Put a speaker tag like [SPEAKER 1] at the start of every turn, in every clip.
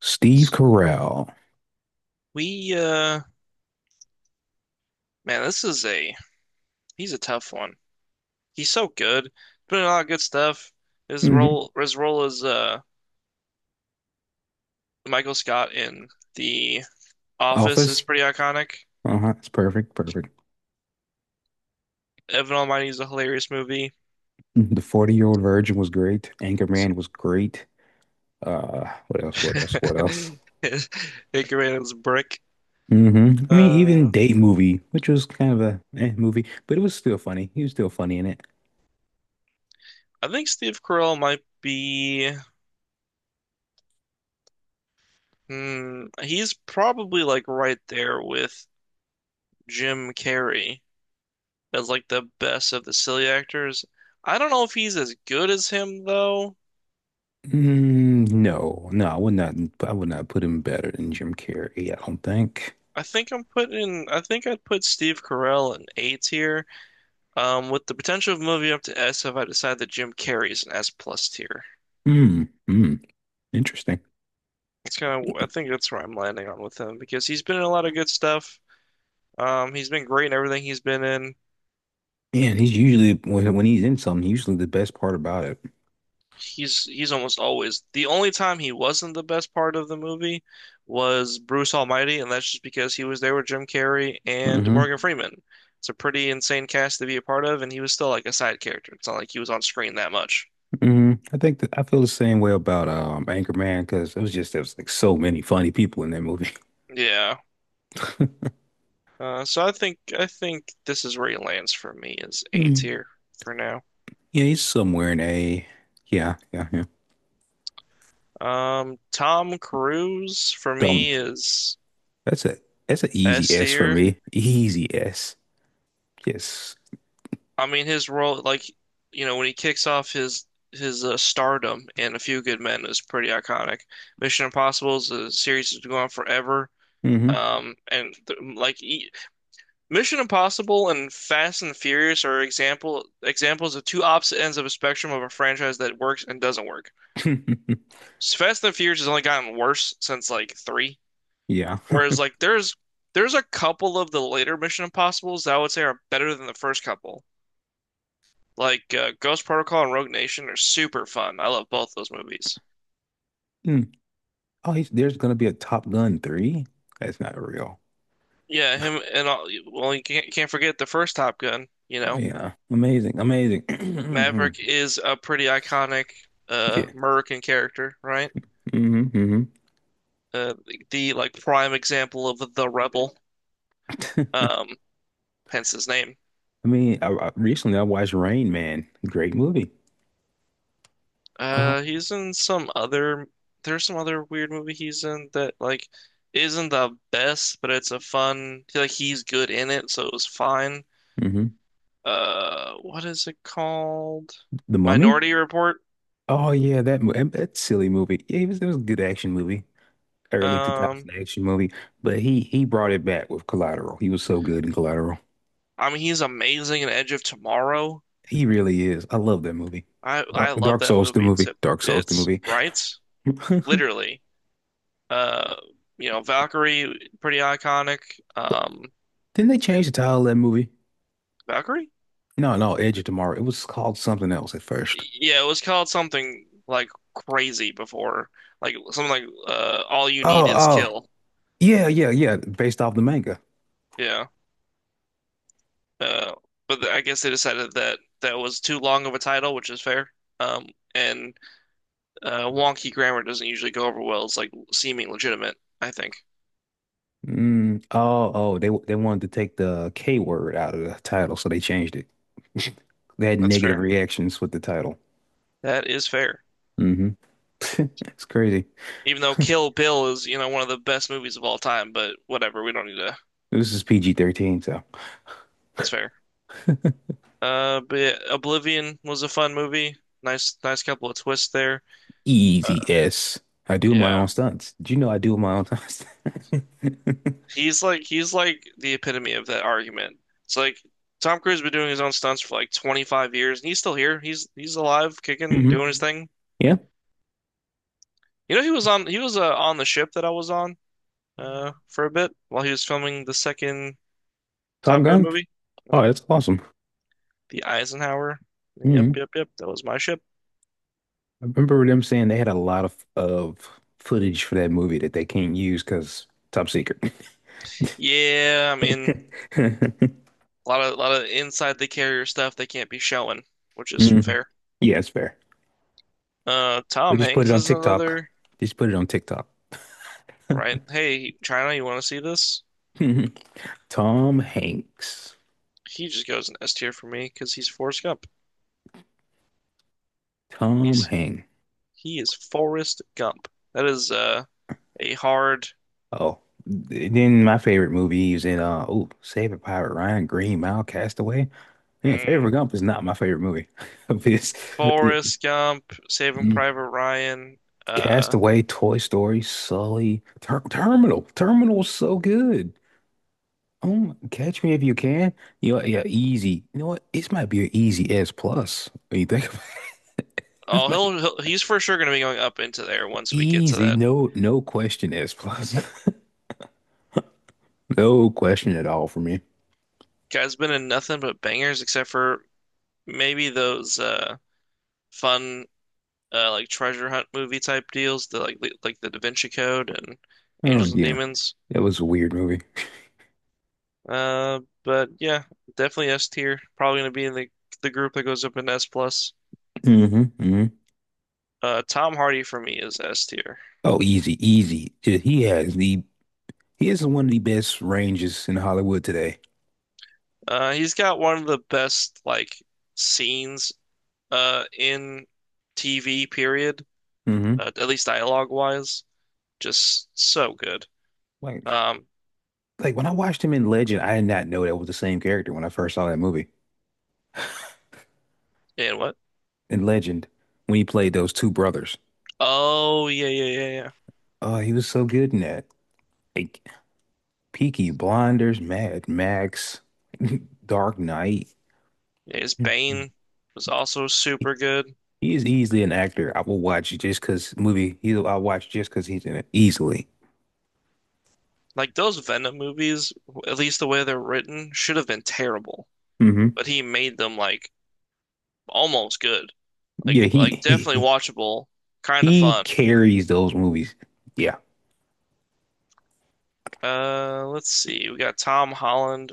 [SPEAKER 1] Steve Carell.
[SPEAKER 2] We uh this is a He's a tough one. He's so good. Put in a lot of good stuff. His
[SPEAKER 1] Mhm.
[SPEAKER 2] role his role as Michael Scott in The Office is
[SPEAKER 1] Office.
[SPEAKER 2] pretty iconic.
[SPEAKER 1] Uh-huh. It's perfect. Perfect.
[SPEAKER 2] Evan Almighty is a hilarious movie.
[SPEAKER 1] Mm-hmm. The 40-Year-Old Virgin was great. Anchorman was great. What else? What else? What else?
[SPEAKER 2] Edgar Wright's Brick.
[SPEAKER 1] I mean, even
[SPEAKER 2] Uh
[SPEAKER 1] Date Movie, which was kind of a movie, but it was still funny. He was still funny in it.
[SPEAKER 2] I think Steve Carell might be he's probably like right there with Jim Carrey as like the best of the silly actors. I don't know if he's as good as him though.
[SPEAKER 1] Mm, no, no, I would not. I would not put him better than Jim Carrey. I don't think.
[SPEAKER 2] I think I'd put Steve Carell in A tier, with the potential of moving up to S if I decide that Jim Carrey's an S plus tier.
[SPEAKER 1] Mm, mm, interesting.
[SPEAKER 2] It's kind of I think that's where I'm landing on with him because he's been in a lot of good stuff. He's been great in everything he's been in.
[SPEAKER 1] Yeah, he's usually, when he's in something, usually the best part about it.
[SPEAKER 2] He's almost always the only time he wasn't the best part of the movie was Bruce Almighty, and that's just because he was there with Jim Carrey and
[SPEAKER 1] hmm
[SPEAKER 2] Morgan Freeman. It's a pretty insane cast to be a part of, and he was still like a side character. It's not like he was on screen that much.
[SPEAKER 1] I think that I feel the same way about Anchorman, because it was just there was like so many funny people in that movie.
[SPEAKER 2] Yeah. So I think this is where he lands for me is A
[SPEAKER 1] Mm.
[SPEAKER 2] tier for now.
[SPEAKER 1] Yeah, he's somewhere in a, yeah, yeah, yeah.
[SPEAKER 2] Tom Cruise for
[SPEAKER 1] Dumb.
[SPEAKER 2] me is
[SPEAKER 1] That's a that's an easy
[SPEAKER 2] S
[SPEAKER 1] S for
[SPEAKER 2] tier.
[SPEAKER 1] me. Easy S. Yes.
[SPEAKER 2] I mean, his role, like, you know, when he kicks off his stardom in A Few Good Men is pretty iconic. Mission Impossible is a series that's gone on forever.
[SPEAKER 1] Hmm.
[SPEAKER 2] And th like e Mission Impossible and Fast and Furious are examples of two opposite ends of a spectrum of a franchise that works and doesn't work. Fast and Furious has only gotten worse since like three,
[SPEAKER 1] Yeah.
[SPEAKER 2] whereas like there's a couple of the later Mission Impossibles that I would say are better than the first couple. Like Ghost Protocol and Rogue Nation are super fun. I love both those movies.
[SPEAKER 1] Mm. Oh, there's gonna be a Top Gun 3? That's not real.
[SPEAKER 2] Yeah, him and all, well, you can't forget the first Top Gun, you
[SPEAKER 1] Oh
[SPEAKER 2] know.
[SPEAKER 1] yeah. Amazing. Amazing. Mhm.
[SPEAKER 2] Maverick is a pretty iconic
[SPEAKER 1] Yeah.
[SPEAKER 2] American character, right?
[SPEAKER 1] Hmm. Hmm.
[SPEAKER 2] The, like prime example of the rebel. Um Hence his name.
[SPEAKER 1] I mean, recently I watched Rain Man. Great movie. Oh.
[SPEAKER 2] He's in some other there's some other weird movie he's in that like isn't the best, but it's a fun like he's good in it, so it was fine. What is it called?
[SPEAKER 1] The Mummy?
[SPEAKER 2] Minority Report.
[SPEAKER 1] Oh yeah, that silly movie. Yeah, it was a good action movie, early
[SPEAKER 2] Um
[SPEAKER 1] 2000 action movie. But he brought it back with Collateral. He was so good in Collateral.
[SPEAKER 2] I mean he's amazing in Edge of Tomorrow.
[SPEAKER 1] He really is. I love that movie. Dark
[SPEAKER 2] I love
[SPEAKER 1] Dark
[SPEAKER 2] that
[SPEAKER 1] Souls the
[SPEAKER 2] movie
[SPEAKER 1] movie.
[SPEAKER 2] to
[SPEAKER 1] Dark Souls the
[SPEAKER 2] bits,
[SPEAKER 1] movie.
[SPEAKER 2] right? Literally. Uh you know, Valkyrie, pretty iconic.
[SPEAKER 1] What-
[SPEAKER 2] Um
[SPEAKER 1] Didn't they change the title of that movie?
[SPEAKER 2] Valkyrie?
[SPEAKER 1] No, no, Edge of Tomorrow. It was called something else at first.
[SPEAKER 2] Yeah, it was called something like crazy before. Like something like All You Need
[SPEAKER 1] Oh,
[SPEAKER 2] Is
[SPEAKER 1] oh,
[SPEAKER 2] Kill.
[SPEAKER 1] yeah, yeah, yeah. Based off the manga.
[SPEAKER 2] Yeah. Uh but I guess they decided that that was too long of a title, which is fair. Um and Wonky grammar doesn't usually go over well. It's like seeming legitimate, I think.
[SPEAKER 1] Mm, oh, oh, they wanted to take the K word out of the title, so they changed it. They had
[SPEAKER 2] That's
[SPEAKER 1] negative
[SPEAKER 2] fair.
[SPEAKER 1] reactions with the title.
[SPEAKER 2] That is fair.
[SPEAKER 1] Hmm. It's crazy.
[SPEAKER 2] Even though Kill Bill is, you know, one of the best movies of all time, but whatever, we don't need to.
[SPEAKER 1] This is PG-13, so
[SPEAKER 2] It's fair. But yeah, Oblivion was a fun movie. Nice, nice couple of twists there.
[SPEAKER 1] easy
[SPEAKER 2] Uh,
[SPEAKER 1] S. I do my
[SPEAKER 2] yeah,
[SPEAKER 1] own stunts. Did you know I do my own stunts?
[SPEAKER 2] he's like the epitome of that argument. It's like Tom Cruise has been doing his own stunts for like 25 years, and he's still here. He's alive, kicking,
[SPEAKER 1] hmm.
[SPEAKER 2] doing his thing.
[SPEAKER 1] Yeah,
[SPEAKER 2] You know, he was on the ship that I was on. For a bit while he was filming the second
[SPEAKER 1] Top
[SPEAKER 2] Top Gun
[SPEAKER 1] Gun.
[SPEAKER 2] movie,
[SPEAKER 1] Oh,
[SPEAKER 2] mhm,
[SPEAKER 1] that's awesome.
[SPEAKER 2] the Eisenhower. Yep,
[SPEAKER 1] hmm
[SPEAKER 2] yep, yep. That was my ship.
[SPEAKER 1] I remember them saying they had a lot of footage for that movie that they can't use because top secret.
[SPEAKER 2] Yeah, I mean, a lot of inside the carrier stuff they can't be showing, which is
[SPEAKER 1] Mhm.
[SPEAKER 2] fair.
[SPEAKER 1] Yeah, it's fair. They
[SPEAKER 2] Tom
[SPEAKER 1] just put
[SPEAKER 2] Hanks
[SPEAKER 1] it on
[SPEAKER 2] is
[SPEAKER 1] TikTok.
[SPEAKER 2] another,
[SPEAKER 1] Just put it on TikTok.
[SPEAKER 2] right? Hey, China, you want to see this?
[SPEAKER 1] Tom Hanks.
[SPEAKER 2] He just goes in S tier for me because he's Forrest Gump.
[SPEAKER 1] Tom
[SPEAKER 2] He's
[SPEAKER 1] Hanks.
[SPEAKER 2] he is Forrest Gump. That is a hard
[SPEAKER 1] Oh, then my favorite movie he was in, oh, Saving Private Ryan, Green Mile, Castaway. Man, Favorite
[SPEAKER 2] mm,
[SPEAKER 1] Gump is not my favorite movie. It's it-
[SPEAKER 2] Forrest Gump, Saving
[SPEAKER 1] mm,
[SPEAKER 2] Private Ryan, uh.
[SPEAKER 1] Castaway, Toy Story, Sully, Terminal. Terminal was so good. Oh, Catch Me If You Can. You know, yeah, easy. You know what? This might be an easy S plus. When you think about it, this
[SPEAKER 2] Oh,
[SPEAKER 1] might be
[SPEAKER 2] he's for sure going to be going up into there once we get to
[SPEAKER 1] easy.
[SPEAKER 2] that.
[SPEAKER 1] No, no question, S plus. No question at all for me.
[SPEAKER 2] Guy's been in nothing but bangers except for maybe those fun like treasure hunt movie type deals, like the Da Vinci Code and
[SPEAKER 1] Oh
[SPEAKER 2] Angels and
[SPEAKER 1] yeah,
[SPEAKER 2] Demons.
[SPEAKER 1] that was a weird movie.
[SPEAKER 2] But yeah, definitely S tier. Probably going to be in the group that goes up in S plus.
[SPEAKER 1] Hmm.
[SPEAKER 2] Tom Hardy for me is S tier.
[SPEAKER 1] Oh, easy, easy. Yeah, he is one of the best ranges in Hollywood today.
[SPEAKER 2] He's got one of the best like scenes in TV period,
[SPEAKER 1] hmm
[SPEAKER 2] at least dialogue wise. Just so good.
[SPEAKER 1] Like,
[SPEAKER 2] Um,
[SPEAKER 1] like, when I watched him in Legend, I did not know that was the same character when I first saw that movie.
[SPEAKER 2] and what?
[SPEAKER 1] In Legend, when he played those two brothers,
[SPEAKER 2] Oh, yeah, yeah, yeah, yeah.
[SPEAKER 1] oh, he was so good in that. Like Peaky Blinders, Mad Max, Dark Knight.
[SPEAKER 2] Yeah, his
[SPEAKER 1] Mhm.
[SPEAKER 2] Bane was also
[SPEAKER 1] He
[SPEAKER 2] super good.
[SPEAKER 1] he is easily an actor I will watch just because movie. He I'll watch just because he's in it easily.
[SPEAKER 2] Like those Venom movies, at least the way they're written, should have been terrible,
[SPEAKER 1] Hmm.
[SPEAKER 2] but he made them like almost good.
[SPEAKER 1] Yeah,
[SPEAKER 2] Like
[SPEAKER 1] he,
[SPEAKER 2] definitely
[SPEAKER 1] he
[SPEAKER 2] watchable, kind of
[SPEAKER 1] He
[SPEAKER 2] fun.
[SPEAKER 1] carries those movies. Yeah.
[SPEAKER 2] Let's see. We got Tom Holland.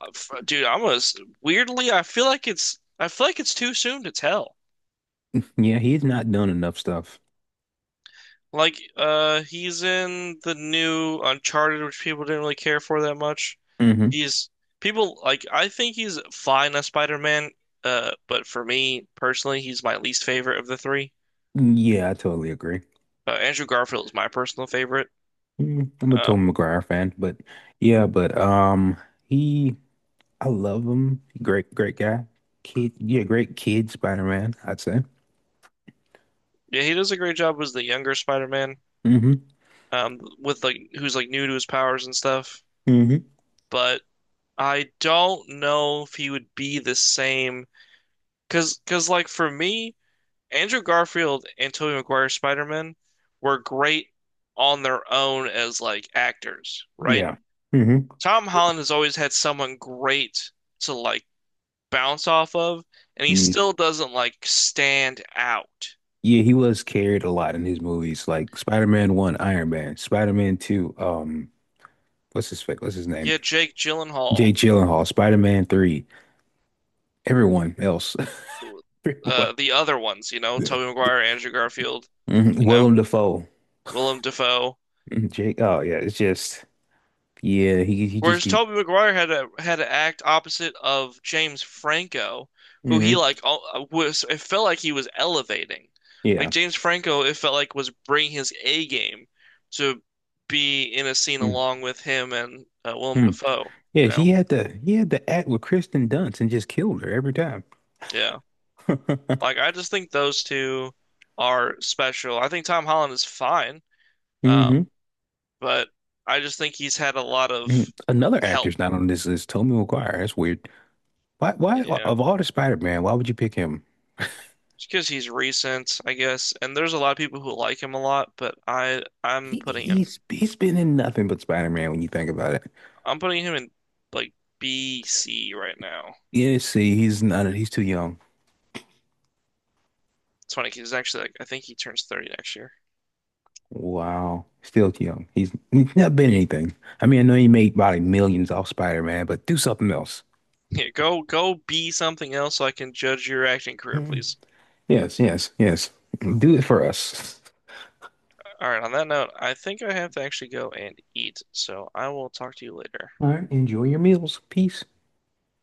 [SPEAKER 2] F- Dude, I'm gonna, s- Weirdly, I feel like it's too soon to tell.
[SPEAKER 1] Yeah, he's not done enough stuff.
[SPEAKER 2] Like, he's in the new Uncharted, which people didn't really care for that much.
[SPEAKER 1] Hmm.
[SPEAKER 2] He's People like I think he's fine as Spider-Man, but for me personally, he's my least favorite of the three.
[SPEAKER 1] Yeah, I totally agree.
[SPEAKER 2] Andrew Garfield is my personal favorite.
[SPEAKER 1] Mm, I'm a
[SPEAKER 2] Um,
[SPEAKER 1] Tobey Maguire fan, but yeah, but he I love him. Great, great guy. Kid, yeah, great kid Spider-Man, I'd say.
[SPEAKER 2] yeah, he does a great job as the younger Spider-Man,
[SPEAKER 1] Hmm.
[SPEAKER 2] with like who's like new to his powers and stuff.
[SPEAKER 1] Hmm.
[SPEAKER 2] But I don't know if he would be the same, cause like for me. Andrew Garfield and Tobey Maguire's Spider-Man were great on their own as like actors, right?
[SPEAKER 1] Yeah. Hmm.
[SPEAKER 2] Tom Holland has always had someone great to like bounce off of, and he
[SPEAKER 1] Yeah.
[SPEAKER 2] still doesn't like stand out.
[SPEAKER 1] Yeah, he was carried a lot in his movies, like Spider-Man 1, Iron Man, Spider-Man 2, what's his name?
[SPEAKER 2] Yeah, Jake
[SPEAKER 1] Jake
[SPEAKER 2] Gyllenhaal,
[SPEAKER 1] Gyllenhaal, Spider-Man 3, everyone else.
[SPEAKER 2] the other ones, you know,
[SPEAKER 1] The-
[SPEAKER 2] Tobey
[SPEAKER 1] the-
[SPEAKER 2] Maguire, Andrew Garfield,
[SPEAKER 1] mhm.
[SPEAKER 2] you know,
[SPEAKER 1] Willem Dafoe.
[SPEAKER 2] Willem Dafoe.
[SPEAKER 1] Mhm, Jake. Oh yeah, it's just, yeah, he just
[SPEAKER 2] Whereas
[SPEAKER 1] can.
[SPEAKER 2] Toby Maguire had to act opposite of James Franco, who he
[SPEAKER 1] Hmm.
[SPEAKER 2] like al- was. It felt like he was elevating. Like
[SPEAKER 1] Yeah.
[SPEAKER 2] James Franco, it felt like was bringing his A game to be in a scene
[SPEAKER 1] Hmm.
[SPEAKER 2] along with him and Willem Dafoe.
[SPEAKER 1] Yeah,
[SPEAKER 2] You
[SPEAKER 1] he
[SPEAKER 2] know,
[SPEAKER 1] had to he had to act with Kristen Dunst and just killed her every time.
[SPEAKER 2] yeah. Like I just think those two are special. I think Tom Holland is fine, um,
[SPEAKER 1] hmm
[SPEAKER 2] but I just think he's had a lot of
[SPEAKER 1] Another
[SPEAKER 2] help.
[SPEAKER 1] actor's not on this list, Tobey Maguire. That's weird. Why
[SPEAKER 2] Yeah.
[SPEAKER 1] of all the Spider-Man, why would you pick him?
[SPEAKER 2] Just because he's recent, I guess. And there's a lot of people who like him a lot, but
[SPEAKER 1] He he's he's been in nothing but Spider-Man when you think about it.
[SPEAKER 2] I'm putting him in like B C right now.
[SPEAKER 1] Yeah, see, he's not, he's too young.
[SPEAKER 2] It's funny 'cause he's actually like I think he turns 30 next year.
[SPEAKER 1] Wow. Still young. He's not been anything. I mean, I know he made probably millions off Spider-Man, but do something else.
[SPEAKER 2] Yeah, go be something else so I can judge your acting career,
[SPEAKER 1] Mm.
[SPEAKER 2] please.
[SPEAKER 1] Yes, yes, yes. Do it for us.
[SPEAKER 2] All right, on that note, I think I have to actually go and eat, so I will talk to you later.
[SPEAKER 1] All right. Enjoy your meals. Peace.